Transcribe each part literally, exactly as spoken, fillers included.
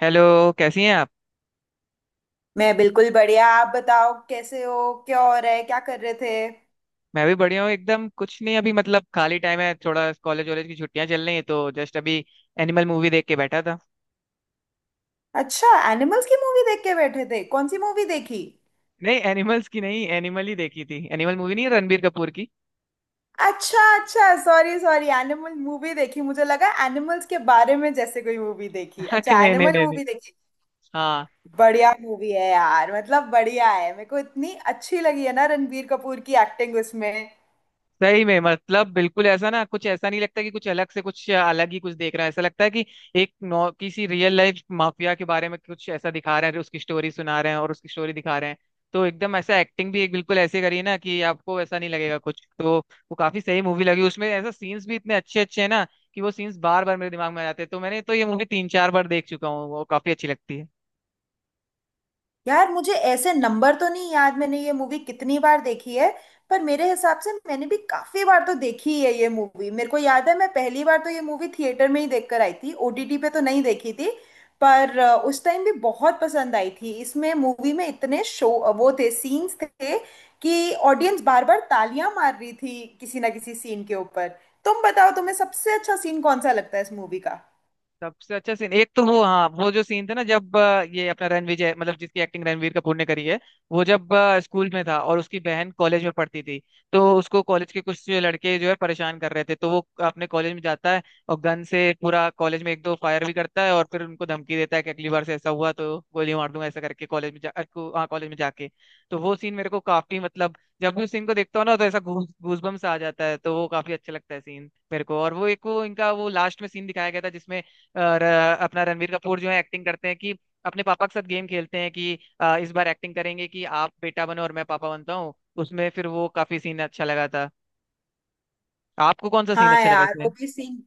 Hello. कैसी हैं आप? मैं बिल्कुल बढ़िया। आप बताओ कैसे हो, क्या हो रहा है, क्या कर रहे थे? मैं भी बढ़िया हूँ एकदम। कुछ नहीं, अभी मतलब खाली टाइम है थोड़ा, कॉलेज वॉलेज की छुट्टियां चल रही हैं, तो जस्ट अभी एनिमल मूवी देख के बैठा था। अच्छा, एनिमल्स की मूवी देख के बैठे थे? कौन सी मूवी देखी? नहीं, एनिमल्स की नहीं, एनिमल ही देखी थी, एनिमल मूवी नहीं, है रणबीर कपूर की। अच्छा अच्छा, सॉरी सॉरी, एनिमल मूवी देखी। मुझे लगा एनिमल्स के बारे में जैसे कोई मूवी देखी। अरे अच्छा, नहीं नहीं एनिमल नहीं नहीं। मूवी देखी। हाँ। बढ़िया मूवी है यार, मतलब बढ़िया है। मेरे को इतनी अच्छी लगी है ना रणबीर कपूर की एक्टिंग उसमें। सही में मतलब बिल्कुल ऐसा ना, कुछ ऐसा नहीं लगता कि कुछ अलग से, कुछ अलग ही कुछ देख रहा है। ऐसा लगता है कि एक नौ किसी रियल लाइफ माफिया के बारे में कुछ ऐसा दिखा रहे हैं, उसकी स्टोरी सुना रहे हैं और उसकी स्टोरी दिखा रहे हैं। तो एकदम ऐसा एक्टिंग भी एक बिल्कुल ऐसे करी है ना, कि आपको ऐसा नहीं लगेगा कुछ तो। वो काफी सही मूवी लगी। उसमें ऐसा सीन्स भी इतने अच्छे अच्छे हैं ना, कि वो सीन्स बार बार मेरे दिमाग में आ जाते हैं, तो मैंने तो ये मूवी तीन चार बार देख चुका हूँ, वो काफी अच्छी लगती है। यार मुझे ऐसे नंबर तो नहीं याद मैंने ये मूवी कितनी बार देखी है। पर मेरे हिसाब से मैंने भी काफी बार तो देखी है ये मूवी। मेरे को याद है, मैं पहली बार तो ये मूवी थिएटर में ही देखकर आई थी, ओटीटी पे तो नहीं देखी थी। पर अ, उस टाइम भी बहुत पसंद आई थी। इसमें मूवी में इतने शो वो थे, सीन्स थे कि ऑडियंस बार बार तालियां मार रही थी किसी ना किसी सीन के ऊपर। तुम बताओ तुम्हें सबसे अच्छा सीन कौन सा लगता है इस मूवी का? सबसे अच्छा सीन एक तो वो, हाँ, वो जो सीन था ना, जब अ, ये अपना रणविजय, मतलब जिसकी एक्टिंग रणवीर कपूर ने करी है, वो जब स्कूल में था और उसकी बहन कॉलेज में पढ़ती थी, तो उसको कॉलेज के कुछ लड़के जो है परेशान कर रहे थे, तो वो अपने कॉलेज में जाता है और गन से पूरा कॉलेज में एक दो फायर भी करता है और फिर उनको धमकी देता है कि अगली बार से ऐसा हुआ तो गोली मार दूंगा, ऐसा करके कॉलेज में जा अ, को- हाँ, कॉलेज में जाके। तो वो सीन मेरे को काफी मतलब, जब भी उस सीन को देखता हूँ ना तो ऐसा गूज गूजबम्स आ जाता है, तो वो काफी अच्छा लगता है सीन मेरे को। और वो एक वो इनका वो लास्ट में सीन दिखाया गया था जिसमें, और अ, अपना रणवीर कपूर जो है एक्टिंग करते हैं कि अपने पापा के साथ गेम खेलते हैं कि अ, इस बार एक्टिंग करेंगे कि आप बेटा बनो और मैं पापा बनता हूँ। उसमें फिर वो काफी सीन अच्छा लगा था। आपको कौन सा सीन हाँ अच्छा लगा यार, इसमें? वो भी सीन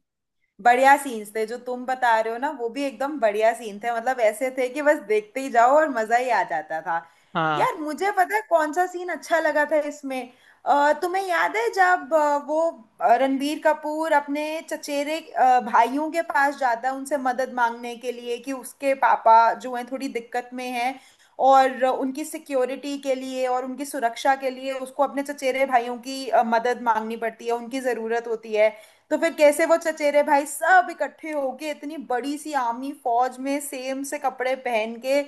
बढ़िया सीन्स थे जो तुम बता रहे हो ना, वो भी एकदम बढ़िया सीन थे। मतलब ऐसे थे कि बस देखते ही जाओ और मजा ही आ जाता था। हाँ। यार मुझे पता है कौन सा सीन अच्छा लगा था इसमें। अ, तुम्हें याद है जब अ, वो अ, रणबीर कपूर अपने चचेरे अ, भाइयों के पास जाता है उनसे मदद मांगने के लिए कि उसके पापा जो हैं थोड़ी दिक्कत में हैं। और उनकी सिक्योरिटी के लिए और उनकी सुरक्षा के लिए उसको अपने चचेरे भाइयों की अ, मदद मांगनी पड़ती है, उनकी ज़रूरत होती है। तो फिर कैसे वो चचेरे भाई सब इकट्ठे होके इतनी बड़ी सी आर्मी फौज में सेम से कपड़े पहन के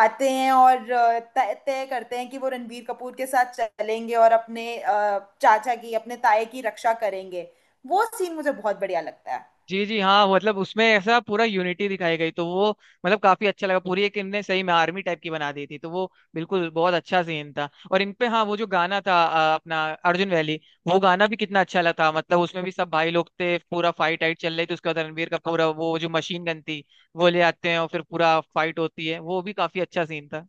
आते हैं और अ, तय तय करते हैं कि वो रणबीर कपूर के साथ चलेंगे और अपने अ, चाचा की अपने ताए की रक्षा करेंगे। वो सीन मुझे बहुत बढ़िया लगता है। जी जी, हाँ, मतलब उसमें ऐसा पूरा यूनिटी दिखाई गई, तो वो मतलब काफी अच्छा लगा। पूरी एक इनने सही में आर्मी टाइप की बना दी थी, तो वो बिल्कुल बहुत अच्छा सीन था। और इनपे हाँ, वो जो गाना था अ, अपना अर्जुन वैली, वो गाना भी कितना अच्छा लगा था। मतलब उसमें भी सब भाई लोग थे, पूरा फाइट आइट चल रही थी, उसके बाद रणबीर का पूरा वो जो मशीन गन थी वो ले आते हैं और फिर पूरा फाइट होती है, वो भी काफी अच्छा सीन था।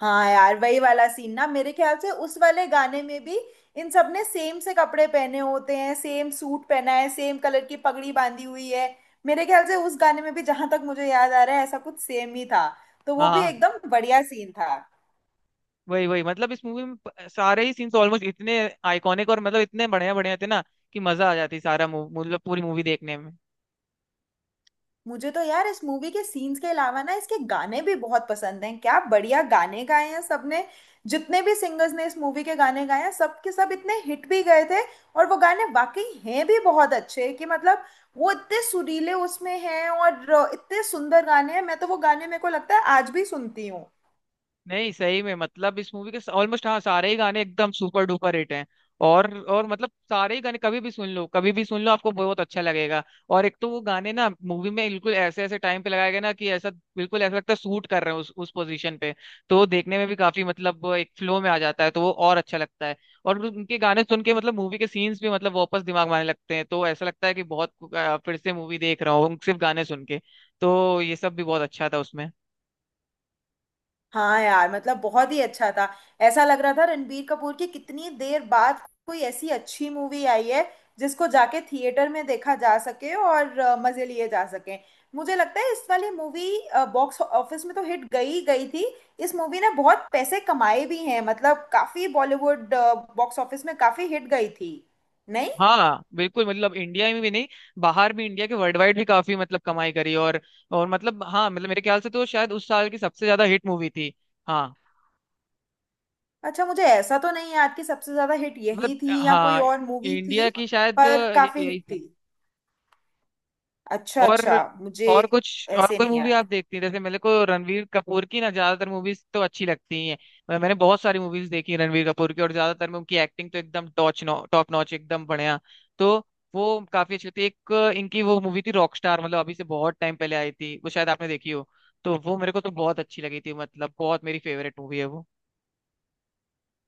हाँ यार, वही वाला सीन ना, मेरे ख्याल से उस वाले गाने में भी इन सब ने सेम से कपड़े पहने होते हैं, सेम सूट पहना है, सेम कलर की पगड़ी बांधी हुई है। मेरे ख्याल से उस गाने में भी जहां तक मुझे याद आ रहा है ऐसा कुछ सेम ही था। तो वो भी हाँ, एकदम बढ़िया सीन था। वही वही, मतलब इस मूवी में प- सारे ही सीन्स ऑलमोस्ट इतने आइकॉनिक और मतलब इतने बढ़िया बढ़िया थे ना, कि मजा आ जाती सारा मू- मतलब पूरी मूवी देखने में। मुझे तो यार इस मूवी के सीन्स के अलावा ना इसके गाने भी बहुत पसंद हैं। क्या बढ़िया गाने गाए हैं सबने! जितने भी सिंगर्स ने इस मूवी के गाने गाए हैं सब के सब इतने हिट भी गए थे। और वो गाने वाकई हैं भी बहुत अच्छे कि मतलब वो इतने सुरीले उसमें हैं और इतने सुंदर गाने हैं। मैं तो वो गाने मेरे को लगता है आज भी सुनती हूँ। नहीं, सही में मतलब इस मूवी के ऑलमोस्ट, हाँ, सारे ही गाने एकदम सुपर डुपर हिट हैं। और और मतलब सारे ही गाने कभी भी सुन लो, कभी भी सुन लो, आपको बहुत अच्छा लगेगा। और एक तो वो गाने ना मूवी में बिल्कुल ऐसे ऐसे टाइम पे लगाए गए ना, कि ऐसा बिल्कुल ऐसा लगता है सूट कर रहे हैं उस उस पोजीशन पे, तो वो देखने में भी काफी मतलब, वो एक फ्लो में आ जाता है तो वो और अच्छा लगता है। और उनके गाने सुन के मतलब मूवी के सीन्स भी मतलब वापस दिमाग में आने लगते हैं, तो ऐसा लगता है कि बहुत अ, फिर से मूवी देख रहा हूँ सिर्फ गाने सुन के। तो ये सब भी बहुत अच्छा था उसमें। हाँ यार मतलब बहुत ही अच्छा था। ऐसा लग रहा था रणबीर कपूर की कितनी देर बाद कोई ऐसी अच्छी मूवी आई है जिसको जाके थिएटर में देखा जा सके और अ, मजे लिए जा सके। मुझे लगता है इस वाली मूवी बॉक्स ऑफिस में तो हिट गई ही गई थी। इस मूवी ने बहुत पैसे कमाए भी हैं, मतलब काफी बॉलीवुड बॉक्स ऑफिस में काफी हिट गई थी। नहीं। हाँ बिल्कुल, मतलब इंडिया में भी नहीं, बाहर भी इंडिया के, वर्ल्ड वाइड भी काफी मतलब कमाई करी। और और मतलब हाँ, मतलब मेरे ख्याल से तो शायद उस साल की सबसे ज्यादा हिट मूवी थी। हाँ, अच्छा, मुझे ऐसा तो नहीं याद कि सबसे ज्यादा हिट मतलब यही थी या कोई हाँ, और मूवी इंडिया थी। की शायद पर काफी यही। हिट थी। अच्छा अच्छा। और मुझे और कुछ और ऐसे कोई नहीं मूवी याद। आप देखती हैं? जैसे मेरे को रणवीर कपूर की ना ज्यादातर मूवीज तो अच्छी लगती ही हैं, मैं- मैंने बहुत सारी मूवीज देखी हैं रणवीर कपूर की और ज्यादातर में उनकी एक्टिंग तो एकदम टॉच नॉ टॉप नॉच, एकदम बढ़िया, तो वो काफी अच्छी होती है। एक इनकी वो मूवी थी रॉक स्टार, मतलब अभी से बहुत टाइम पहले आई थी, वो शायद आपने देखी हो, तो वो मेरे को तो बहुत अच्छी लगी थी, मतलब बहुत मेरी फेवरेट मूवी है वो।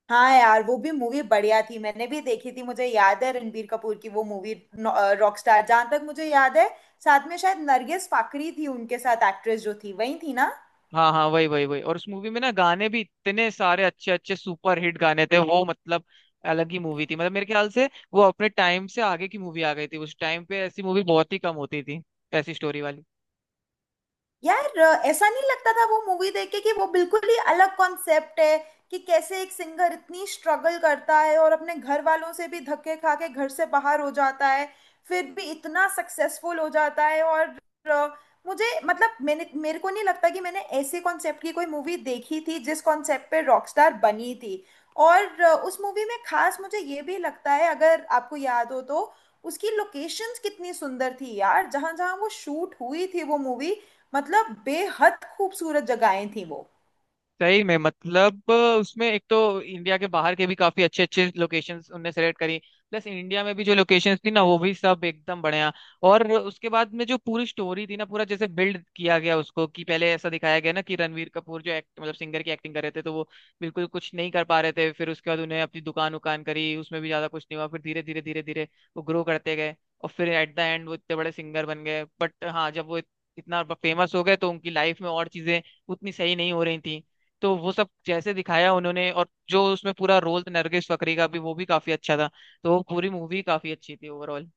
हाँ यार वो भी मूवी बढ़िया थी, मैंने भी देखी थी। मुझे याद है रणबीर कपूर की वो मूवी रॉकस्टार, जहां तक मुझे याद है साथ में शायद नरगिस फाकरी थी, उनके साथ एक्ट्रेस जो थी वही थी ना? हाँ हाँ, वही वही वही। और उस मूवी में ना गाने भी इतने सारे अच्छे अच्छे सुपर हिट गाने थे वो, मतलब अलग ही मूवी थी, मतलब मेरे ख्याल से वो अपने टाइम से आगे की मूवी आ गई थी, उस टाइम पे ऐसी मूवी बहुत ही कम होती थी, ऐसी स्टोरी वाली। यार अ, ऐसा नहीं लगता था वो मूवी देख के कि वो बिल्कुल ही अलग कॉन्सेप्ट है कि कैसे एक सिंगर इतनी स्ट्रगल करता है और अपने घर वालों से भी धक्के खा के घर से बाहर हो जाता है फिर भी इतना सक्सेसफुल हो जाता है और अ, मुझे मतलब मैंने मेरे को नहीं लगता कि मैंने ऐसे कॉन्सेप्ट की कोई मूवी देखी थी जिस कॉन्सेप्ट पे रॉकस्टार बनी थी। और अ, उस मूवी में खास मुझे ये भी लगता है अगर आपको याद हो तो उसकी लोकेशंस कितनी सुंदर थी यार, जहां जहां वो शूट हुई थी वो मूवी। मतलब बेहद खूबसूरत जगहें थी वो। सही में, मतलब उसमें एक तो इंडिया के बाहर के भी काफी अच्छे अच्छे लोकेशंस उनने सेलेक्ट करी, प्लस इंडिया में भी जो लोकेशंस थी ना वो भी सब एकदम बढ़िया। और उसके बाद में जो पूरी स्टोरी थी ना पूरा जैसे बिल्ड किया गया उसको, कि पहले ऐसा दिखाया गया ना कि रणवीर कपूर जो एक्ट मतलब सिंगर की एक्टिंग कर रहे थे तो वो बिल्कुल कुछ नहीं कर पा रहे थे, फिर उसके बाद उन्हें अपनी दुकान उकान करी, उसमें भी ज्यादा कुछ नहीं हुआ, फिर धीरे धीरे धीरे धीरे वो ग्रो करते गए और फिर एट द एंड वो इतने बड़े सिंगर बन गए। बट हाँ, जब वो इत- इतना फेमस हो गए तो उनकी लाइफ में और चीजें उतनी सही नहीं हो रही थी, तो वो सब जैसे दिखाया उन्होंने, और जो उसमें पूरा रोल था नरगिस फकरी का भी वो भी काफी अच्छा था, तो वो पूरी मूवी काफी अच्छी थी ओवरऑल।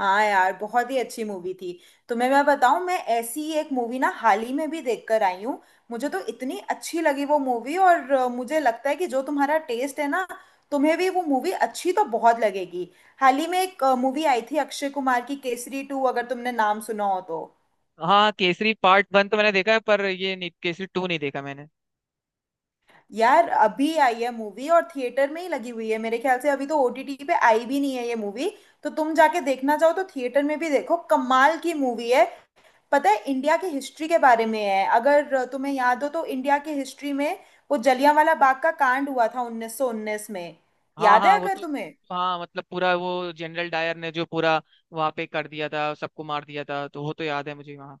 हाँ यार बहुत ही अच्छी मूवी थी। तुम्हें मैं बताऊं, मैं ऐसी ही एक मूवी ना हाल ही में भी देख कर आई हूँ। मुझे तो इतनी अच्छी लगी वो मूवी और अ, मुझे लगता है कि जो तुम्हारा टेस्ट है ना, तुम्हें भी वो मूवी अच्छी तो बहुत लगेगी। हाल ही में एक मूवी आई थी अक्षय कुमार की, केसरी टू, अगर तुमने नाम सुना हो तो। हाँ, केसरी पार्ट वन तो मैंने देखा है, पर ये नहीं, केसरी टू नहीं देखा मैंने। यार अभी आई है मूवी और थिएटर में ही लगी हुई है मेरे ख्याल से, अभी तो ओटीटी पे आई भी नहीं है ये मूवी। तो तुम जाके देखना चाहो तो थिएटर में भी देखो, कमाल की मूवी है। पता है, इंडिया की हिस्ट्री के बारे में है, अगर तुम्हें याद हो तो इंडिया की हिस्ट्री में वो जलियांवाला बाग का कांड हुआ था उन्नीस सौ उन्नीस में। हाँ याद हाँ, है वो अगर तो तुम्हें? हाँ मतलब पूरा वो जनरल डायर ने जो पूरा वहां पे कर दिया था, सबको मार दिया था, तो वो तो याद है मुझे वहाँ।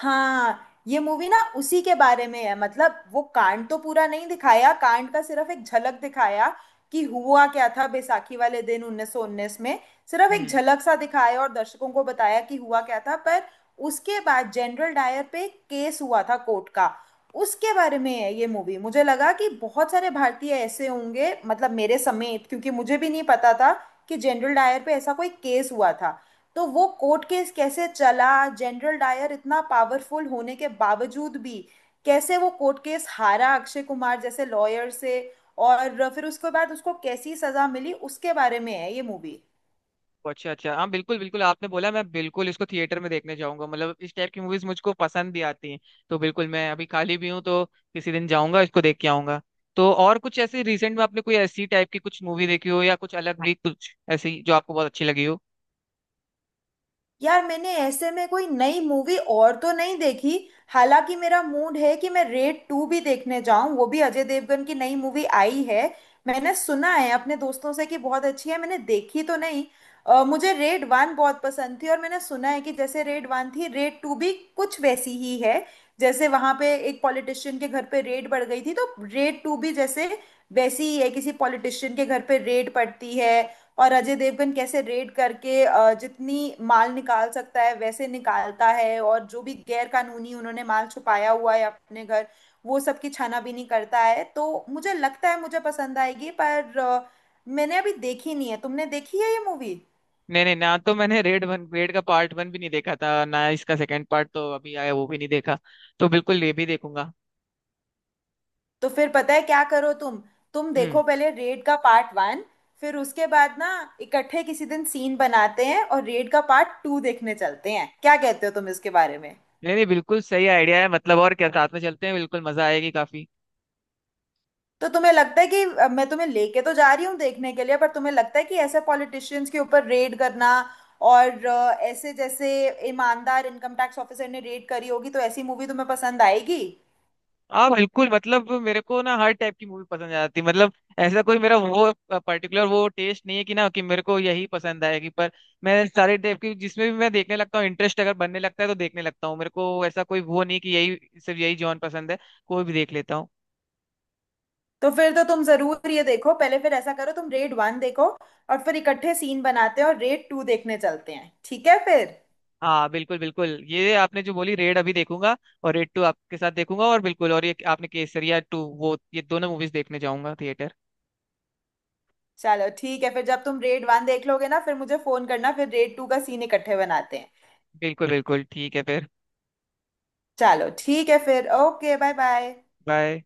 हाँ, ये मूवी ना उसी के बारे में है। मतलब वो कांड तो पूरा नहीं दिखाया, कांड का सिर्फ एक झलक दिखाया कि हुआ क्या था बैसाखी वाले दिन उन्नीस सौ उन्नीस में। सिर्फ एक हम्म। झलक सा दिखाया और दर्शकों को बताया कि हुआ क्या था। पर उसके बाद जनरल डायर पे एक केस हुआ था कोर्ट का, उसके बारे में है ये मूवी। मुझे लगा कि बहुत सारे भारतीय ऐसे होंगे मतलब मेरे समेत, क्योंकि मुझे भी नहीं पता था कि जनरल डायर पे ऐसा कोई केस हुआ था। तो वो कोर्ट केस कैसे चला, जनरल डायर इतना पावरफुल होने के बावजूद भी कैसे वो कोर्ट केस हारा अक्षय कुमार जैसे लॉयर से, और फिर उसके बाद उसको कैसी सजा मिली, उसके बारे में है ये मूवी। अच्छा अच्छा, हाँ बिल्कुल बिल्कुल, आपने बोला मैं बिल्कुल इसको थिएटर में देखने जाऊंगा, मतलब इस टाइप की मूवीज मुझको पसंद भी आती हैं, तो बिल्कुल मैं अभी खाली भी हूँ, तो किसी दिन जाऊंगा इसको देख के आऊंगा। तो और कुछ ऐसे रिसेंट में आपने कोई ऐसी टाइप की कुछ मूवी देखी हो, या कुछ अलग भी कुछ ऐसी जो आपको बहुत अच्छी लगी हो? यार मैंने ऐसे में कोई नई मूवी और तो नहीं देखी। हालांकि मेरा मूड है कि मैं रेड टू भी देखने जाऊं, वो भी अजय देवगन की नई मूवी आई है। मैंने सुना है अपने दोस्तों से कि बहुत अच्छी है, मैंने देखी तो नहीं। अ, मुझे रेड वन बहुत पसंद थी और मैंने सुना है कि जैसे रेड वन थी रेड टू भी कुछ वैसी ही है। जैसे वहां पे एक पॉलिटिशियन के घर पे रेड पड़ गई थी, तो रेड टू भी जैसे वैसी ही है, किसी पॉलिटिशियन के घर पे रेड पड़ती है। और अजय देवगन कैसे रेड करके अ, जितनी माल निकाल सकता है वैसे निकालता है, और जो भी गैर कानूनी उन्होंने माल छुपाया हुआ है अपने घर वो सब की छानाबीनी करता है। तो मुझे लगता है मुझे पसंद आएगी, पर अ, मैंने अभी देखी नहीं है। तुमने देखी है ये मूवी? नहीं नहीं, ना तो मैंने रेड वन रेड का पार्ट वन भी नहीं देखा था, ना इसका सेकंड पार्ट तो अभी आया वो भी नहीं देखा, तो बिल्कुल ये भी देखूंगा। तो फिर पता है क्या करो तुम तुम हम्म। देखो पहले रेड का पार्ट वन। फिर उसके बाद ना इकट्ठे किसी दिन सीन बनाते हैं और रेड का पार्ट टू देखने चलते हैं, क्या कहते हो तुम इसके बारे में? नहीं नहीं, बिल्कुल सही आइडिया है, मतलब और क्या, साथ में चलते हैं, बिल्कुल मजा आएगी काफी। तो तुम्हें लगता है कि अ, मैं तुम्हें लेके तो जा रही हूँ देखने के लिए, पर तुम्हें लगता है कि ऐसे पॉलिटिशियंस के ऊपर रेड करना और अ, ऐसे जैसे ईमानदार इनकम टैक्स ऑफिसर ने रेड करी होगी, तो ऐसी मूवी तुम्हें पसंद आएगी? हाँ बिल्कुल, मतलब मेरे को ना हर टाइप की मूवी पसंद आ जाती है, मतलब ऐसा कोई मेरा वो पर्टिकुलर वो टेस्ट नहीं है कि ना कि मेरे को यही पसंद आएगी, पर मैं सारे टाइप की जिसमें भी मैं देखने लगता हूँ इंटरेस्ट अगर बनने लगता है तो देखने लगता हूँ, मेरे को ऐसा कोई वो नहीं कि यही, सिर्फ यही जॉन पसंद है, कोई भी देख लेता हूँ। तो फिर तो तुम जरूर ये देखो पहले, फिर ऐसा करो तुम रेड वन देखो और फिर इकट्ठे सीन बनाते हैं और रेड टू देखने चलते हैं, ठीक है फिर? हाँ बिल्कुल बिल्कुल, ये आपने जो बोली रेड अभी देखूंगा और रेड टू आपके साथ देखूंगा, और बिल्कुल, और ये आपने केसरिया टू, वो ये दोनों मूवीज देखने जाऊंगा थिएटर। चलो ठीक है फिर। जब तुम रेड वन देख लोगे ना फिर मुझे फोन करना, फिर रेड टू का सीन इकट्ठे बनाते हैं। बिल्कुल बिल्कुल ठीक है फिर। चलो ठीक है फिर, ओके, बाय बाय। बाय।